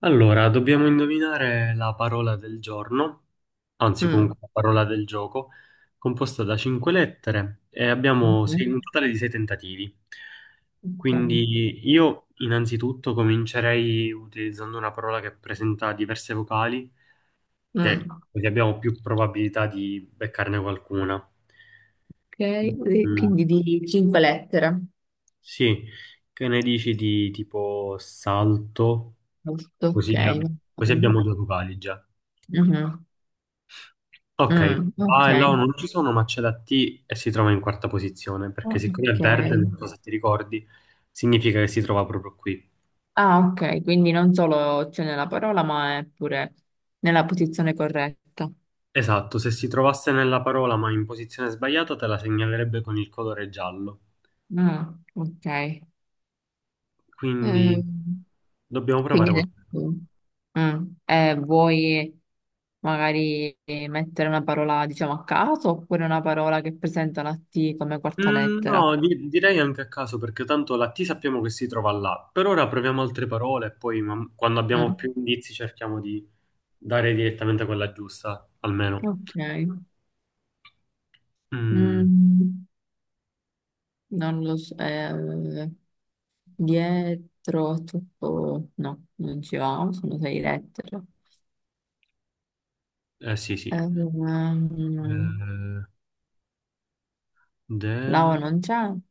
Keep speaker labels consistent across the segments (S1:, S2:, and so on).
S1: Allora, dobbiamo indovinare la parola del giorno, anzi
S2: Mm,
S1: comunque la parola del gioco, composta da cinque lettere e
S2: ok,
S1: abbiamo un totale di sei tentativi. Quindi io innanzitutto comincerei utilizzando una parola che presenta diverse vocali, che
S2: mm,
S1: così abbiamo più probabilità di beccarne qualcuna.
S2: ok, e
S1: Mm,
S2: quindi di cinque lettere,
S1: sì, che ne dici di tipo salto?
S2: giusto? Ok,
S1: Così,
S2: va
S1: così
S2: bene.
S1: abbiamo due vocali già.
S2: Mhm,
S1: Ok,
S2: mm, ok,
S1: va e là non ci sono, ma c'è la T e si trova in quarta posizione, perché siccome è
S2: ok.
S1: verde, non so se ti ricordi, significa che si trova proprio qui.
S2: Ah, ok, quindi non solo c'è nella parola, ma è pure nella posizione corretta.
S1: Esatto, se si trovasse nella parola ma in posizione sbagliata, te la segnalerebbe con il colore giallo.
S2: Mm, ok,
S1: Quindi
S2: Ehm,
S1: dobbiamo provare
S2: quindi
S1: qualcosa.
S2: vuoi magari mettere una parola, diciamo, a caso, oppure una parola che presenta la T come quarta lettera?
S1: No, direi anche a caso, perché tanto la T sappiamo che si trova là. Per ora proviamo altre parole e poi quando abbiamo più
S2: Mm,
S1: indizi cerchiamo di dare direttamente quella giusta, almeno.
S2: ok.
S1: Mm,
S2: Mm, non lo so, dietro tutto, no, non ci va, sono sei lettere.
S1: sì, sì.
S2: Ehm,
S1: Eh, de...
S2: la O non c'è, no,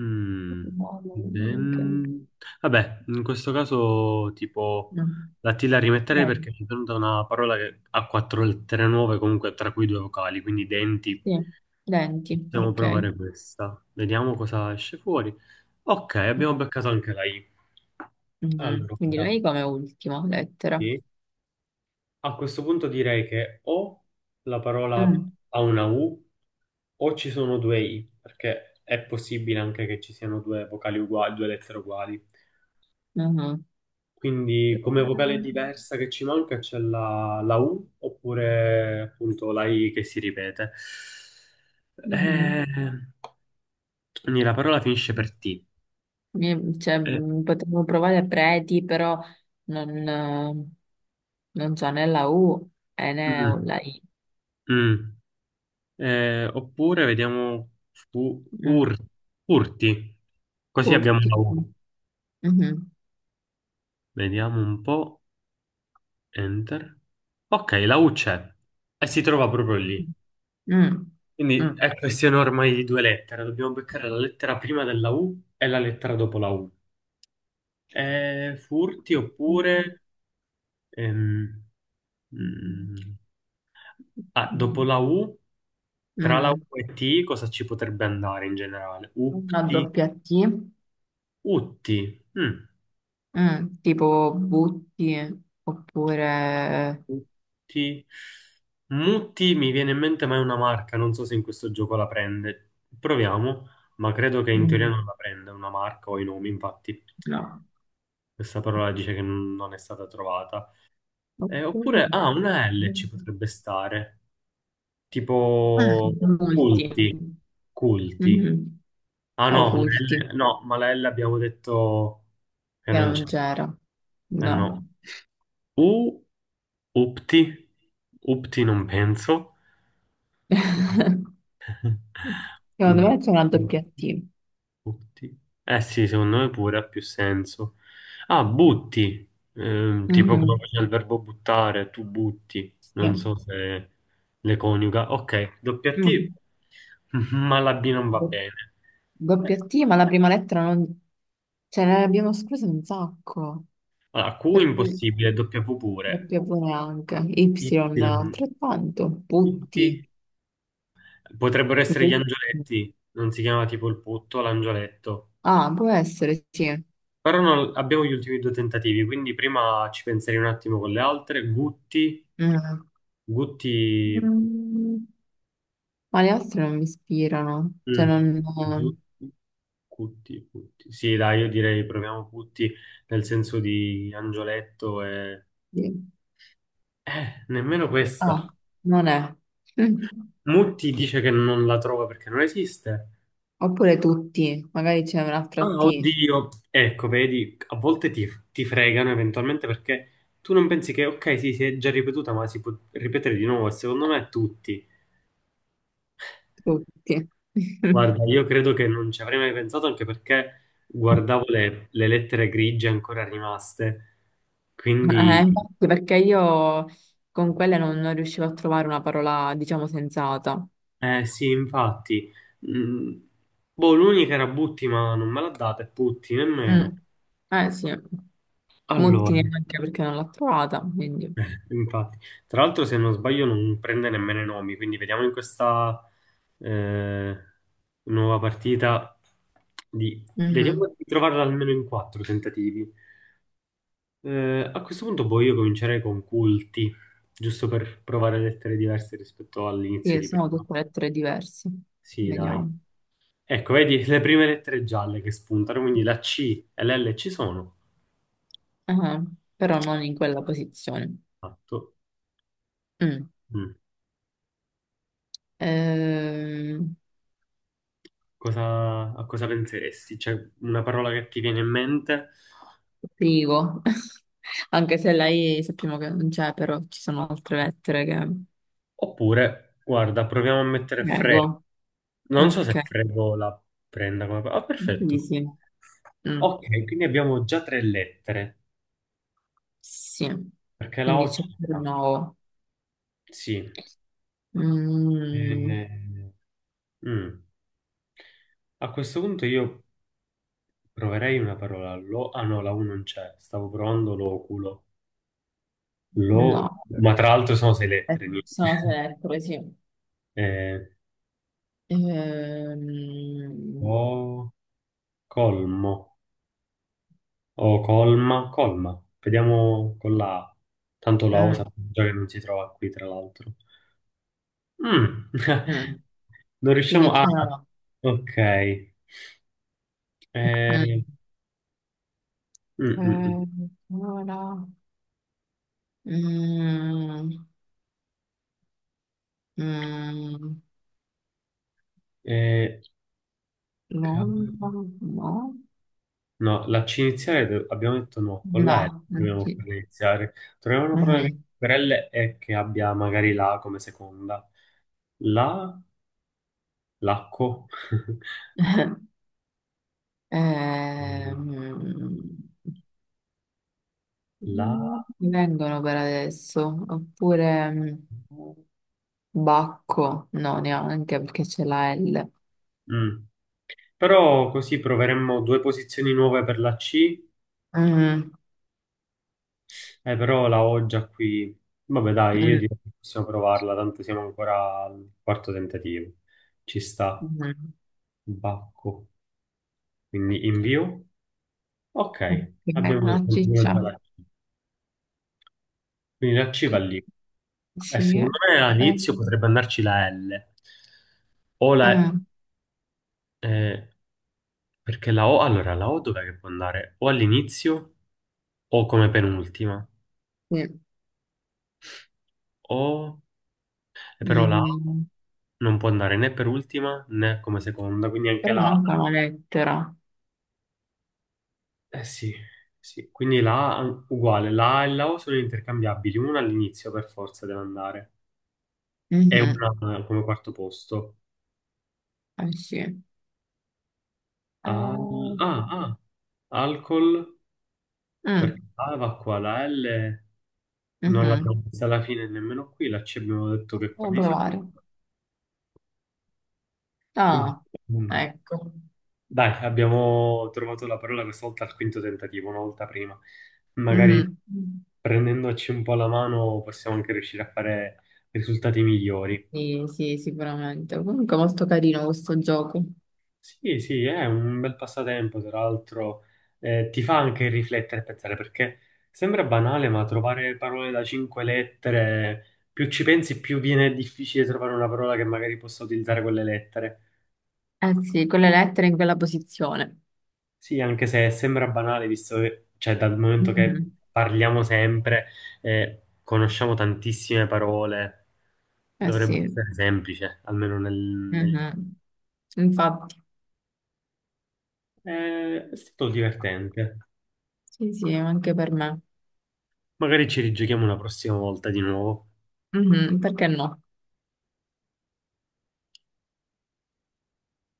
S1: mm,
S2: no, no,
S1: den- Vabbè, in questo caso tipo
S2: no.
S1: la T la rimetterei
S2: Denti,
S1: perché mi è venuta una parola che ha quattro lettere nuove, comunque tra cui due vocali, quindi denti.
S2: sì. Denti,
S1: Possiamo
S2: ok.
S1: provare questa. Vediamo cosa esce fuori. Ok, abbiamo beccato anche la I.
S2: Mhm,
S1: Allora,
S2: quindi
S1: ora,
S2: lei come ultima lettera.
S1: sì. A questo punto direi che o la parola
S2: Mm,
S1: ha una U o ci sono due I, perché è possibile anche che ci siano due vocali uguali, due lettere uguali.
S2: mhm.
S1: Quindi come vocale diversa che ci manca c'è la U oppure appunto la I che si ripete. Eh,
S2: Mhm.
S1: quindi la parola finisce per T.
S2: Cioè,
S1: Eh,
S2: potevo provare preti, però non, eh, non c'è né la U e né
S1: mm,
S2: la I.
S1: mm. Oppure vediamo fu-
S2: Mm.
S1: fur- furti, così abbiamo
S2: Curti.
S1: la U.
S2: Mhm.
S1: Vediamo un po'. Enter. Ok, la U c'è e si trova proprio lì.
S2: Mm.
S1: Quindi
S2: Mm.
S1: è questione ormai di due lettere. Dobbiamo beccare la lettera prima della U e la lettera dopo la U. Furti oppure... ehm,
S2: Mm.
S1: mm, ah, dopo la U, tra la
S2: Mm.
S1: U e T, cosa ci potrebbe andare in generale?
S2: Una
S1: Upti,
S2: doppia T,
S1: utti. Mm.
S2: mm. Tipo butti, oppure
S1: Mutti. Mutti mi viene in mente, ma è una marca. Non so se in questo gioco la prende. Proviamo, ma credo che in teoria
S2: mm,
S1: non la prenda una marca o i nomi, infatti.
S2: no,
S1: Questa parola dice che non è stata trovata. Oppure,
S2: oppure
S1: ah, una L ci potrebbe stare.
S2: ah,
S1: Tipo
S2: molti,
S1: culti. Culti.
S2: mhm.
S1: Ah no,
S2: Oculti,
S1: No, ma la L abbiamo detto che
S2: che
S1: non c'è.
S2: non c'era,
S1: Eh no.
S2: no.
S1: U, upti. Upti non penso.
S2: Secondo
S1: Ut-
S2: me c'è una doppia
S1: Butti.
S2: T.
S1: Butti. Eh sì, secondo me pure ha più senso. Ah, butti. Tipo come
S2: Mhm.
S1: c'è il verbo buttare, tu butti.
S2: Sì.
S1: Non so se le coniuga. Ok, doppia T,
S2: Mm.
S1: ma la B non va bene.
S2: Doppia
S1: Eh,
S2: T, ma la prima lettera non. Ce ne abbiamo escluse un sacco,
S1: Allora, Q
S2: perché
S1: impossibile, W pure.
S2: doppia V neanche,
S1: Y,
S2: Y altrettanto,
S1: butti.
S2: putti.
S1: Potrebbero essere gli
S2: Putti.
S1: angioletti. Non si chiama tipo il putto, l'angioletto.
S2: Ah, può essere, sì.
S1: Però abbiamo gli ultimi due tentativi, quindi prima ci penserei un attimo con le altre. Gutti,
S2: Mm.
S1: Gutti,
S2: Mm, ma le altre non mi ispirano, cioè
S1: mm,
S2: non.
S1: Zutti, Gutti, Gutti. Sì, dai, io direi proviamo Gutti nel senso di Angioletto e...
S2: Sì.
S1: Nemmeno
S2: Ah,
S1: questa.
S2: non è. Mm.
S1: Mutti dice che non la trova perché non esiste.
S2: Oppure tutti, magari c'è un'altra
S1: Ah,
S2: T,
S1: oddio. Ecco, vedi, a volte ti fregano eventualmente perché tu non pensi che, ok, sì, si è già ripetuta, ma si può ripetere di nuovo, e secondo me tutti.
S2: tutti.
S1: Guarda, io credo che non ci avrei mai pensato anche perché guardavo le lettere grigie ancora rimaste. Quindi,
S2: Infatti, perché io con quelle non riuscivo a trovare una parola, diciamo, sensata.
S1: eh sì, infatti. Mm, Boh, l'unica era Butti, ma non me l'ha data, e Putti nemmeno.
S2: Mm. Eh sì,
S1: Allora,
S2: Mottini anche perché non l'ho trovata, quindi.
S1: infatti. Tra l'altro, se non sbaglio, non prende nemmeno i nomi, quindi vediamo in questa eh, nuova partita di...
S2: Mhm.
S1: Vediamo di trovarla almeno in quattro tentativi. A questo punto poi io comincerei con culti, giusto per provare lettere diverse rispetto all'inizio
S2: Sì,
S1: di
S2: sono
S1: prima.
S2: tutte lettere diverse.
S1: Sì, dai.
S2: Vediamo.
S1: Ecco, vedi le prime lettere gialle che spuntano, quindi la C e l'L ci sono.
S2: Ah, però non in quella posizione.
S1: Esatto.
S2: Mm.
S1: Mm.
S2: Ehm,
S1: Cosa, a cosa penseresti? C'è una parola che ti viene in mente?
S2: Privo. Anche se la I sappiamo che non c'è, però ci sono altre lettere che.
S1: Oppure, guarda, proviamo a mettere freddo.
S2: Prego.
S1: Non so
S2: Ok,
S1: se freddo la prenda come... parola. Ah,
S2: quindi
S1: perfetto.
S2: sì. Mm.
S1: Ok, quindi abbiamo già tre lettere,
S2: Sì,
S1: perché la
S2: quindi
S1: O
S2: c'è pure
S1: c'era.
S2: nuovo.
S1: Sì.
S2: Mm,
S1: Eh, mm. A questo punto io proverei una parola. Lo, ah no, la U non c'è. Stavo provando l'oculo. Lo,
S2: no,
S1: ma tra l'altro sono sei lettere. Niente.
S2: sono tre lettere, sì.
S1: Eh,
S2: Ehm,
S1: o colmo. O colma. Colma. Vediamo con la A. Tanto la O
S2: mm,
S1: sappiamo già che non si trova qui, tra l'altro. Mm.
S2: mm.
S1: Non riusciamo
S2: Quindi
S1: a...
S2: c'è una.
S1: Ok.
S2: No,
S1: Eh, mm, mm, mm.
S2: mm. Allora, mm, mm,
S1: Eh, Cavolo.
S2: Londra, no?
S1: No, la C iniziale abbiamo detto no, con la L
S2: No, non
S1: dobbiamo
S2: ci-
S1: farla iniziare. Troviamo una parola che
S2: mhm.
S1: per L e che abbia magari la come seconda. La, lacco.
S2: Ehm,
S1: La.
S2: Non mi vengono per adesso, oppure. Bacco, no, neanche perché c'è la L.
S1: Mm. Però così proveremmo due posizioni nuove per la C,
S2: Mm,
S1: però la ho già qui. Vabbè, dai, io
S2: mm,
S1: direi che possiamo provarla, tanto siamo ancora al quarto tentativo. Ci sta,
S2: mm.
S1: bacco. Quindi invio.
S2: Ok,
S1: Ok, abbiamo
S2: una
S1: continuato
S2: ciccia.
S1: la C. Quindi la C va lì. E
S2: Sì. eh,
S1: secondo me all'inizio potrebbe andarci la L. O
S2: eh,
S1: la... eh, perché la O... Allora, la O dov'è che può andare? O all'inizio o come penultima.
S2: sì.
S1: O... e però la O
S2: Mm,
S1: non può andare né per ultima né come seconda, quindi anche
S2: però
S1: la A.
S2: manca una lettera.
S1: Eh sì, sì. Quindi la A uguale. La A e la O sono intercambiabili. Una all'inizio per forza deve andare. E
S2: Mhm,
S1: una come quarto posto.
S2: eh sì. Mm,
S1: Ah, ah. Alcol. Perché A va qua, la L non
S2: mhm.
S1: l'abbiamo vista alla fine nemmeno qui, la C abbiamo detto che qua
S2: Possiamo
S1: di sicuro.
S2: provare. Ah,
S1: Mm.
S2: ecco.
S1: Dai, abbiamo trovato la parola questa volta al quinto tentativo, una volta prima. Magari
S2: Mhm.
S1: prendendoci un po' la mano possiamo anche riuscire a fare risultati migliori.
S2: Sì, sì, sicuramente. Comunque molto carino questo gioco.
S1: Sì, sì, è un bel passatempo, tra l'altro ti fa anche riflettere e pensare, perché sembra banale, ma trovare parole da cinque lettere, più ci pensi, più viene difficile trovare una parola che magari possa utilizzare quelle lettere.
S2: Eh sì, con le lettere in quella posizione.
S1: Sì, anche se sembra banale, visto che, cioè, dal momento che
S2: Mhm.
S1: parliamo sempre, conosciamo tantissime parole,
S2: Eh
S1: dovrebbe
S2: sì.
S1: essere semplice, almeno nel...
S2: Mhm. Infatti,
S1: È stato divertente.
S2: sì, sì, anche per me.
S1: Magari ci rigiochiamo una prossima volta di nuovo.
S2: Mhm, perché no?